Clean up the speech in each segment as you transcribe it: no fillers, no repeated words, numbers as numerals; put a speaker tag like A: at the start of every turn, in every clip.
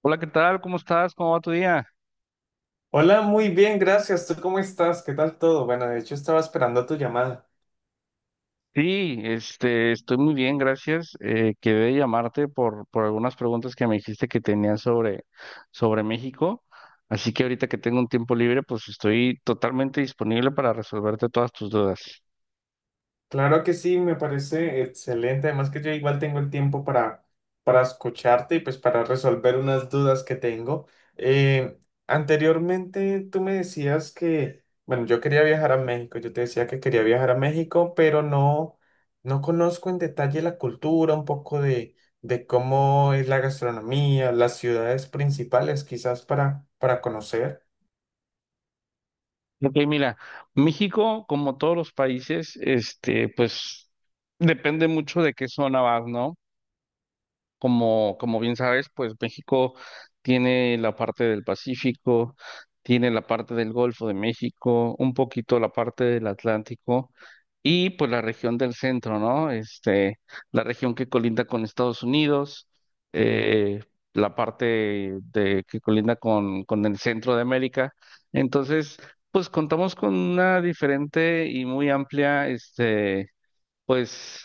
A: Hola, ¿qué tal? ¿Cómo estás? ¿Cómo va tu día?
B: Hola, muy bien, gracias. ¿Tú cómo estás? ¿Qué tal todo? Bueno, de hecho estaba esperando tu llamada.
A: Sí, estoy muy bien, gracias. Quedé llamarte por algunas preguntas que me dijiste que tenías sobre México. Así que ahorita que tengo un tiempo libre, pues estoy totalmente disponible para resolverte todas tus dudas.
B: Claro que sí, me parece excelente. Además que yo igual tengo el tiempo para escucharte y pues para resolver unas dudas que tengo. Eh, Anteriormente tú me decías que, bueno, yo quería viajar a México. Yo te decía que quería viajar a México, pero no conozco en detalle la cultura, un poco de cómo es la gastronomía, las ciudades principales quizás para conocer.
A: Ok, mira, México, como todos los países, pues depende mucho de qué zona vas, ¿no? Como bien sabes, pues México tiene la parte del Pacífico, tiene la parte del Golfo de México, un poquito la parte del Atlántico y pues la región del centro, ¿no? La región que colinda con Estados Unidos, eh, la parte de que colinda con el centro de América. Entonces, pues contamos con una diferente y muy amplia, pues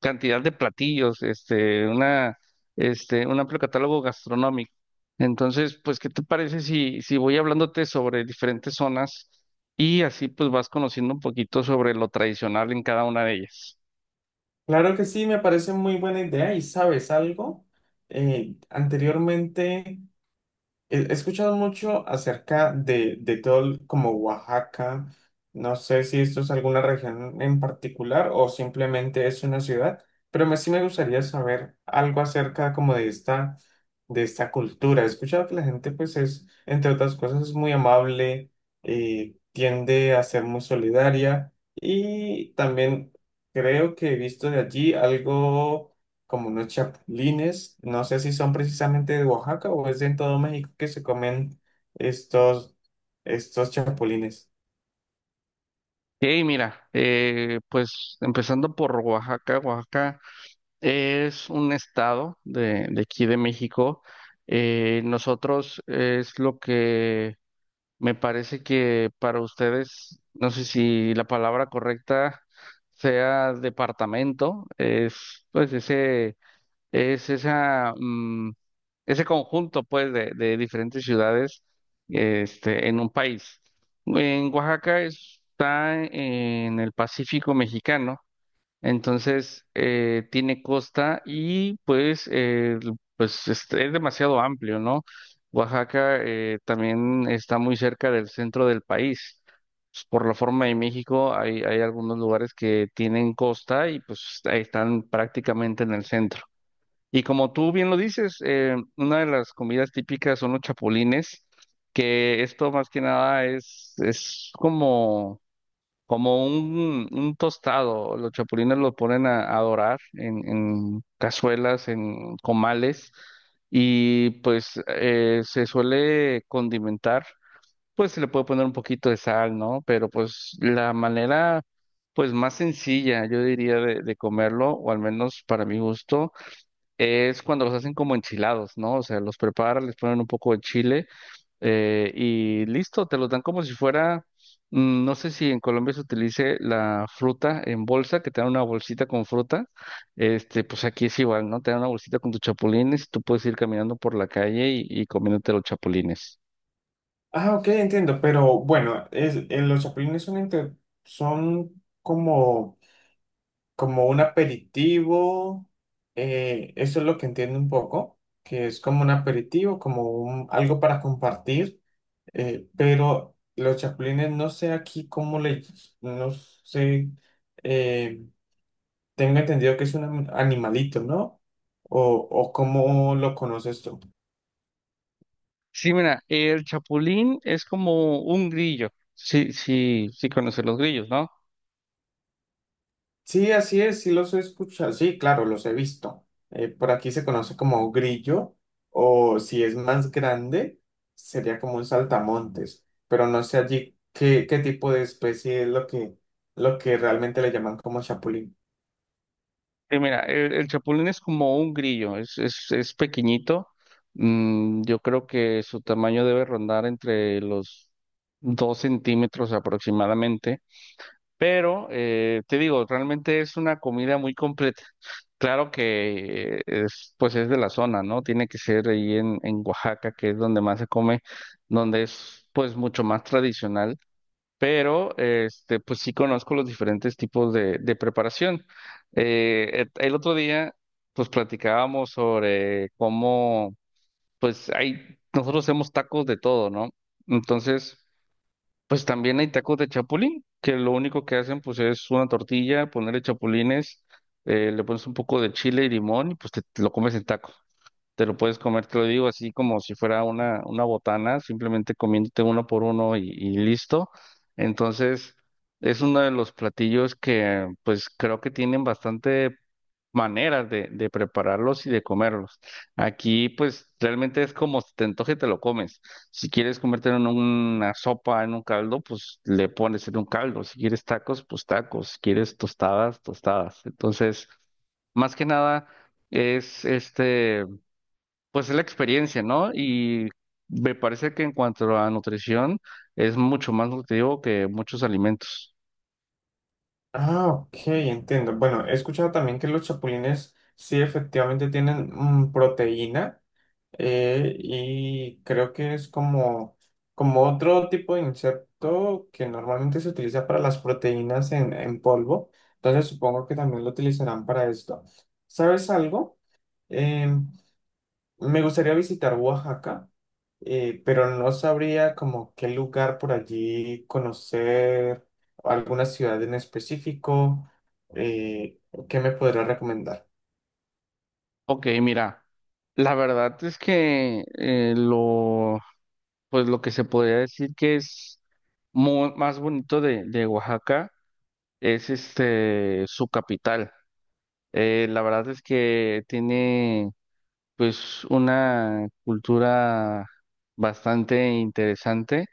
A: cantidad de platillos, un amplio catálogo gastronómico. Entonces, pues, ¿qué te parece si voy hablándote sobre diferentes zonas y así pues vas conociendo un poquito sobre lo tradicional en cada una de ellas?
B: Claro que sí, me parece muy buena idea y sabes algo. Eh, anteriormente... he escuchado mucho acerca de todo como Oaxaca. No sé si esto es alguna región en particular o simplemente es una ciudad, pero me, sí me gustaría saber algo acerca como de de esta cultura. He escuchado que la gente pues es, entre otras cosas, es muy amable, tiende a ser muy solidaria y también creo que he visto de allí algo como unos chapulines, no sé si son precisamente de Oaxaca o es de en todo México que se comen estos, estos chapulines.
A: Y mira, pues empezando por Oaxaca, es un estado de aquí de México. Nosotros es lo que Me parece que para ustedes, no sé si la palabra correcta sea departamento, es pues ese, es esa, mm, ese conjunto pues de diferentes ciudades, en un país. En Oaxaca está en el Pacífico mexicano. Entonces, tiene costa y pues, es demasiado amplio, ¿no? Oaxaca también está muy cerca del centro del país. Pues, por la forma de México, hay algunos lugares que tienen costa y pues ahí están prácticamente en el centro. Y como tú bien lo dices, una de las comidas típicas son los chapulines, que esto más que nada es como un tostado. Los chapulines los ponen a dorar en cazuelas, en comales, y pues se suele condimentar. Pues se le puede poner un poquito de sal, ¿no? Pero pues la manera, pues más sencilla, yo diría, de comerlo, o al menos para mi gusto, es cuando los hacen como enchilados, ¿no? O sea, los preparan, les ponen un poco de chile, y listo, te los dan como si fuera, no sé si en Colombia se utilice la fruta en bolsa, que te dan una bolsita con fruta. Pues aquí es igual, ¿no? Te dan una bolsita con tus chapulines y tú puedes ir caminando por la calle y comiéndote los chapulines.
B: Ah, ok, entiendo, pero bueno, los chapulines son, son como, como un aperitivo, eso es lo que entiendo un poco, que es como un aperitivo, como algo para compartir, pero los chapulines no sé aquí cómo no sé. eh, Tengo entendido que es un animalito, ¿no? O cómo lo conoces tú?
A: Sí, mira, el chapulín es como un grillo. Sí, sí, sí conoces los grillos, ¿no?
B: Sí, así es, sí los he escuchado, sí, claro, los he visto. Por aquí se conoce como grillo, o si es más grande, sería como un saltamontes, pero no sé allí qué, qué tipo de especie es lo que realmente le llaman como chapulín.
A: Mira, el chapulín es como un grillo, es pequeñito. Yo creo que su tamaño debe rondar entre los 2 cm aproximadamente. Pero te digo, realmente es una comida muy completa. Claro que pues es de la zona, ¿no? Tiene que ser ahí en Oaxaca, que es donde más se come, donde es pues mucho más tradicional. Pero pues sí conozco los diferentes tipos de preparación. El otro día, pues platicábamos sobre cómo, nosotros hacemos tacos de todo, ¿no? Entonces, pues también hay tacos de chapulín, que lo único que hacen, pues es una tortilla, ponerle chapulines, le pones un poco de chile y limón y pues te lo comes en taco. Te lo puedes comer, te lo digo, así como si fuera una botana, simplemente comiéndote uno por uno y listo. Entonces, es uno de los platillos que pues creo que tienen bastante maneras de prepararlos y de comerlos. Aquí pues realmente es como si te antoje, te lo comes. Si quieres comértelo en una sopa, en un caldo, pues le pones en un caldo. Si quieres tacos, pues tacos. Si quieres tostadas, tostadas. Entonces, más que nada. Es este pues Es la experiencia, ¿no? Y me parece que en cuanto a nutrición es mucho más nutritivo que muchos alimentos.
B: Ah, ok, entiendo. Bueno, he escuchado también que los chapulines sí efectivamente tienen proteína. Y creo que es como, como otro tipo de insecto que normalmente se utiliza para las proteínas en polvo. Entonces supongo que también lo utilizarán para esto. ¿Sabes algo? Em, Me gustaría visitar Oaxaca, pero no sabría como qué lugar por allí conocer, alguna ciudad en específico. Eh, ¿Qué me podría recomendar?
A: Ok, mira, la verdad es que pues lo que se podría decir que es más bonito de Oaxaca es su capital. La verdad es que tiene pues una cultura bastante interesante.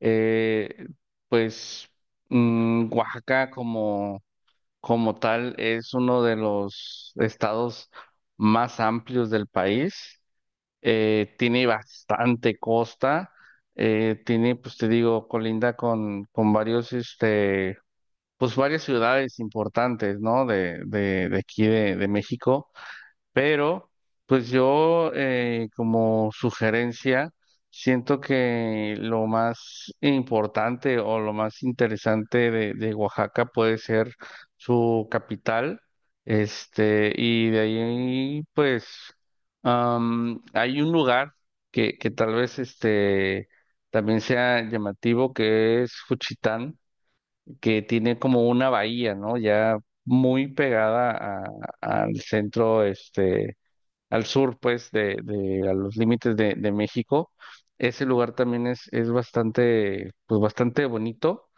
A: Eh, pues Oaxaca como, tal es uno de los estados más amplios del país. Tiene bastante costa. Tiene, pues te digo, colinda con varios, pues varias ciudades importantes, ¿no? De aquí de México. Pero, pues yo, como sugerencia, siento que lo más importante o lo más interesante de Oaxaca puede ser su capital. Y de ahí, pues, hay un lugar que tal vez también sea llamativo, que es Juchitán, que tiene como una bahía, ¿no? Ya muy pegada a- al centro, al sur, pues, a los límites de México. Ese lugar también es bastante, pues, bastante bonito.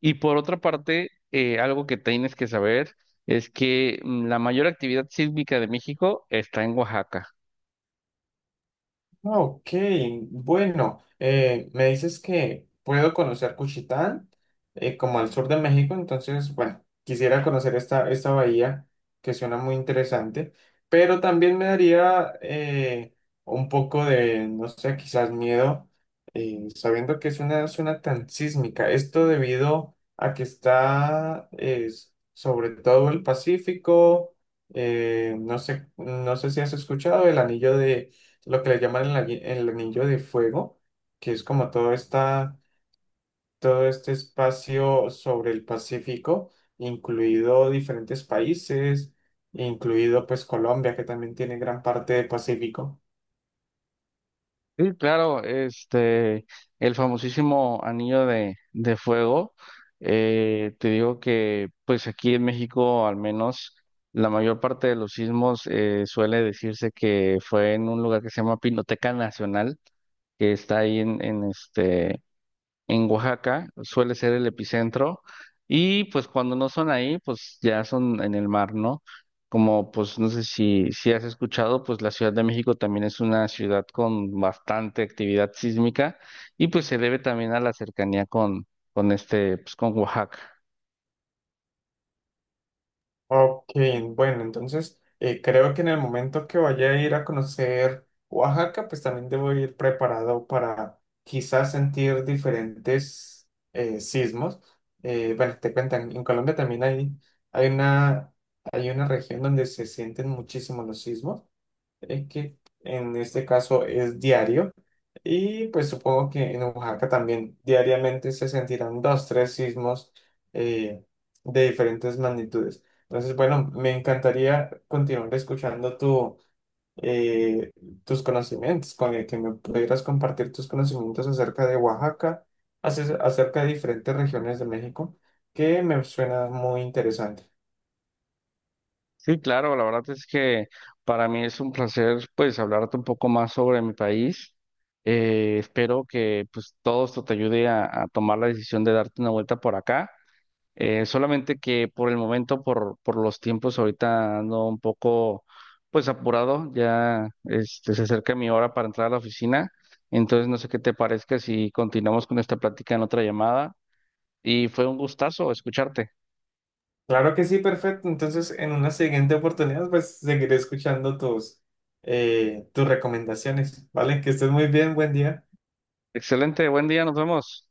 A: Y por otra parte, algo que tienes que saber es que la mayor actividad sísmica de México está en Oaxaca.
B: Ok, bueno, me dices que puedo conocer Cuchitán, como al sur de México, entonces, bueno, quisiera conocer esta bahía que suena muy interesante, pero también me daría un poco de, no sé, quizás miedo, sabiendo que es una zona tan sísmica. Esto debido a que está sobre todo el Pacífico, no sé, no sé si has escuchado el anillo de lo que le llaman el anillo de fuego, que es como todo, todo este espacio sobre el Pacífico, incluido diferentes países, incluido pues Colombia, que también tiene gran parte del Pacífico.
A: Sí, claro, el famosísimo anillo de fuego. Te digo que pues aquí en México al menos la mayor parte de los sismos, suele decirse que fue en un lugar que se llama Pinoteca Nacional, que está ahí en Oaxaca, suele ser el epicentro, y pues cuando no son ahí, pues ya son en el mar, ¿no? Como pues no sé si has escuchado, pues la Ciudad de México también es una ciudad con bastante actividad sísmica y pues se debe también a la cercanía con este, pues con Oaxaca.
B: Ok, bueno, entonces creo que en el momento que vaya a ir a conocer Oaxaca, pues también debo ir preparado para quizás sentir diferentes sismos. Bueno, te cuentan, en Colombia también hay hay una región donde se sienten muchísimo los sismos que en este caso es diario. Y pues supongo que en Oaxaca también diariamente se sentirán dos, tres sismos eh, de diferentes magnitudes. Entonces, bueno, me encantaría continuar escuchando eh, tus conocimientos, con el que me pudieras compartir tus conocimientos acerca de Oaxaca, acerca de diferentes regiones de México, que me suena muy interesante.
A: Sí, claro, la verdad es que para mí es un placer pues hablarte un poco más sobre mi país. Espero que pues todo esto te ayude a tomar la decisión de darte una vuelta por acá. Solamente que por el momento, por los tiempos, ahorita ando un poco pues apurado, ya, se acerca mi hora para entrar a la oficina, entonces no sé qué te parezca si continuamos con esta plática en otra llamada y fue un gustazo escucharte.
B: Claro que sí, perfecto. Entonces, en una siguiente oportunidad, pues seguiré escuchando tus recomendaciones, ¿vale? Que estés muy bien, buen día.
A: Excelente, buen día, nos vemos.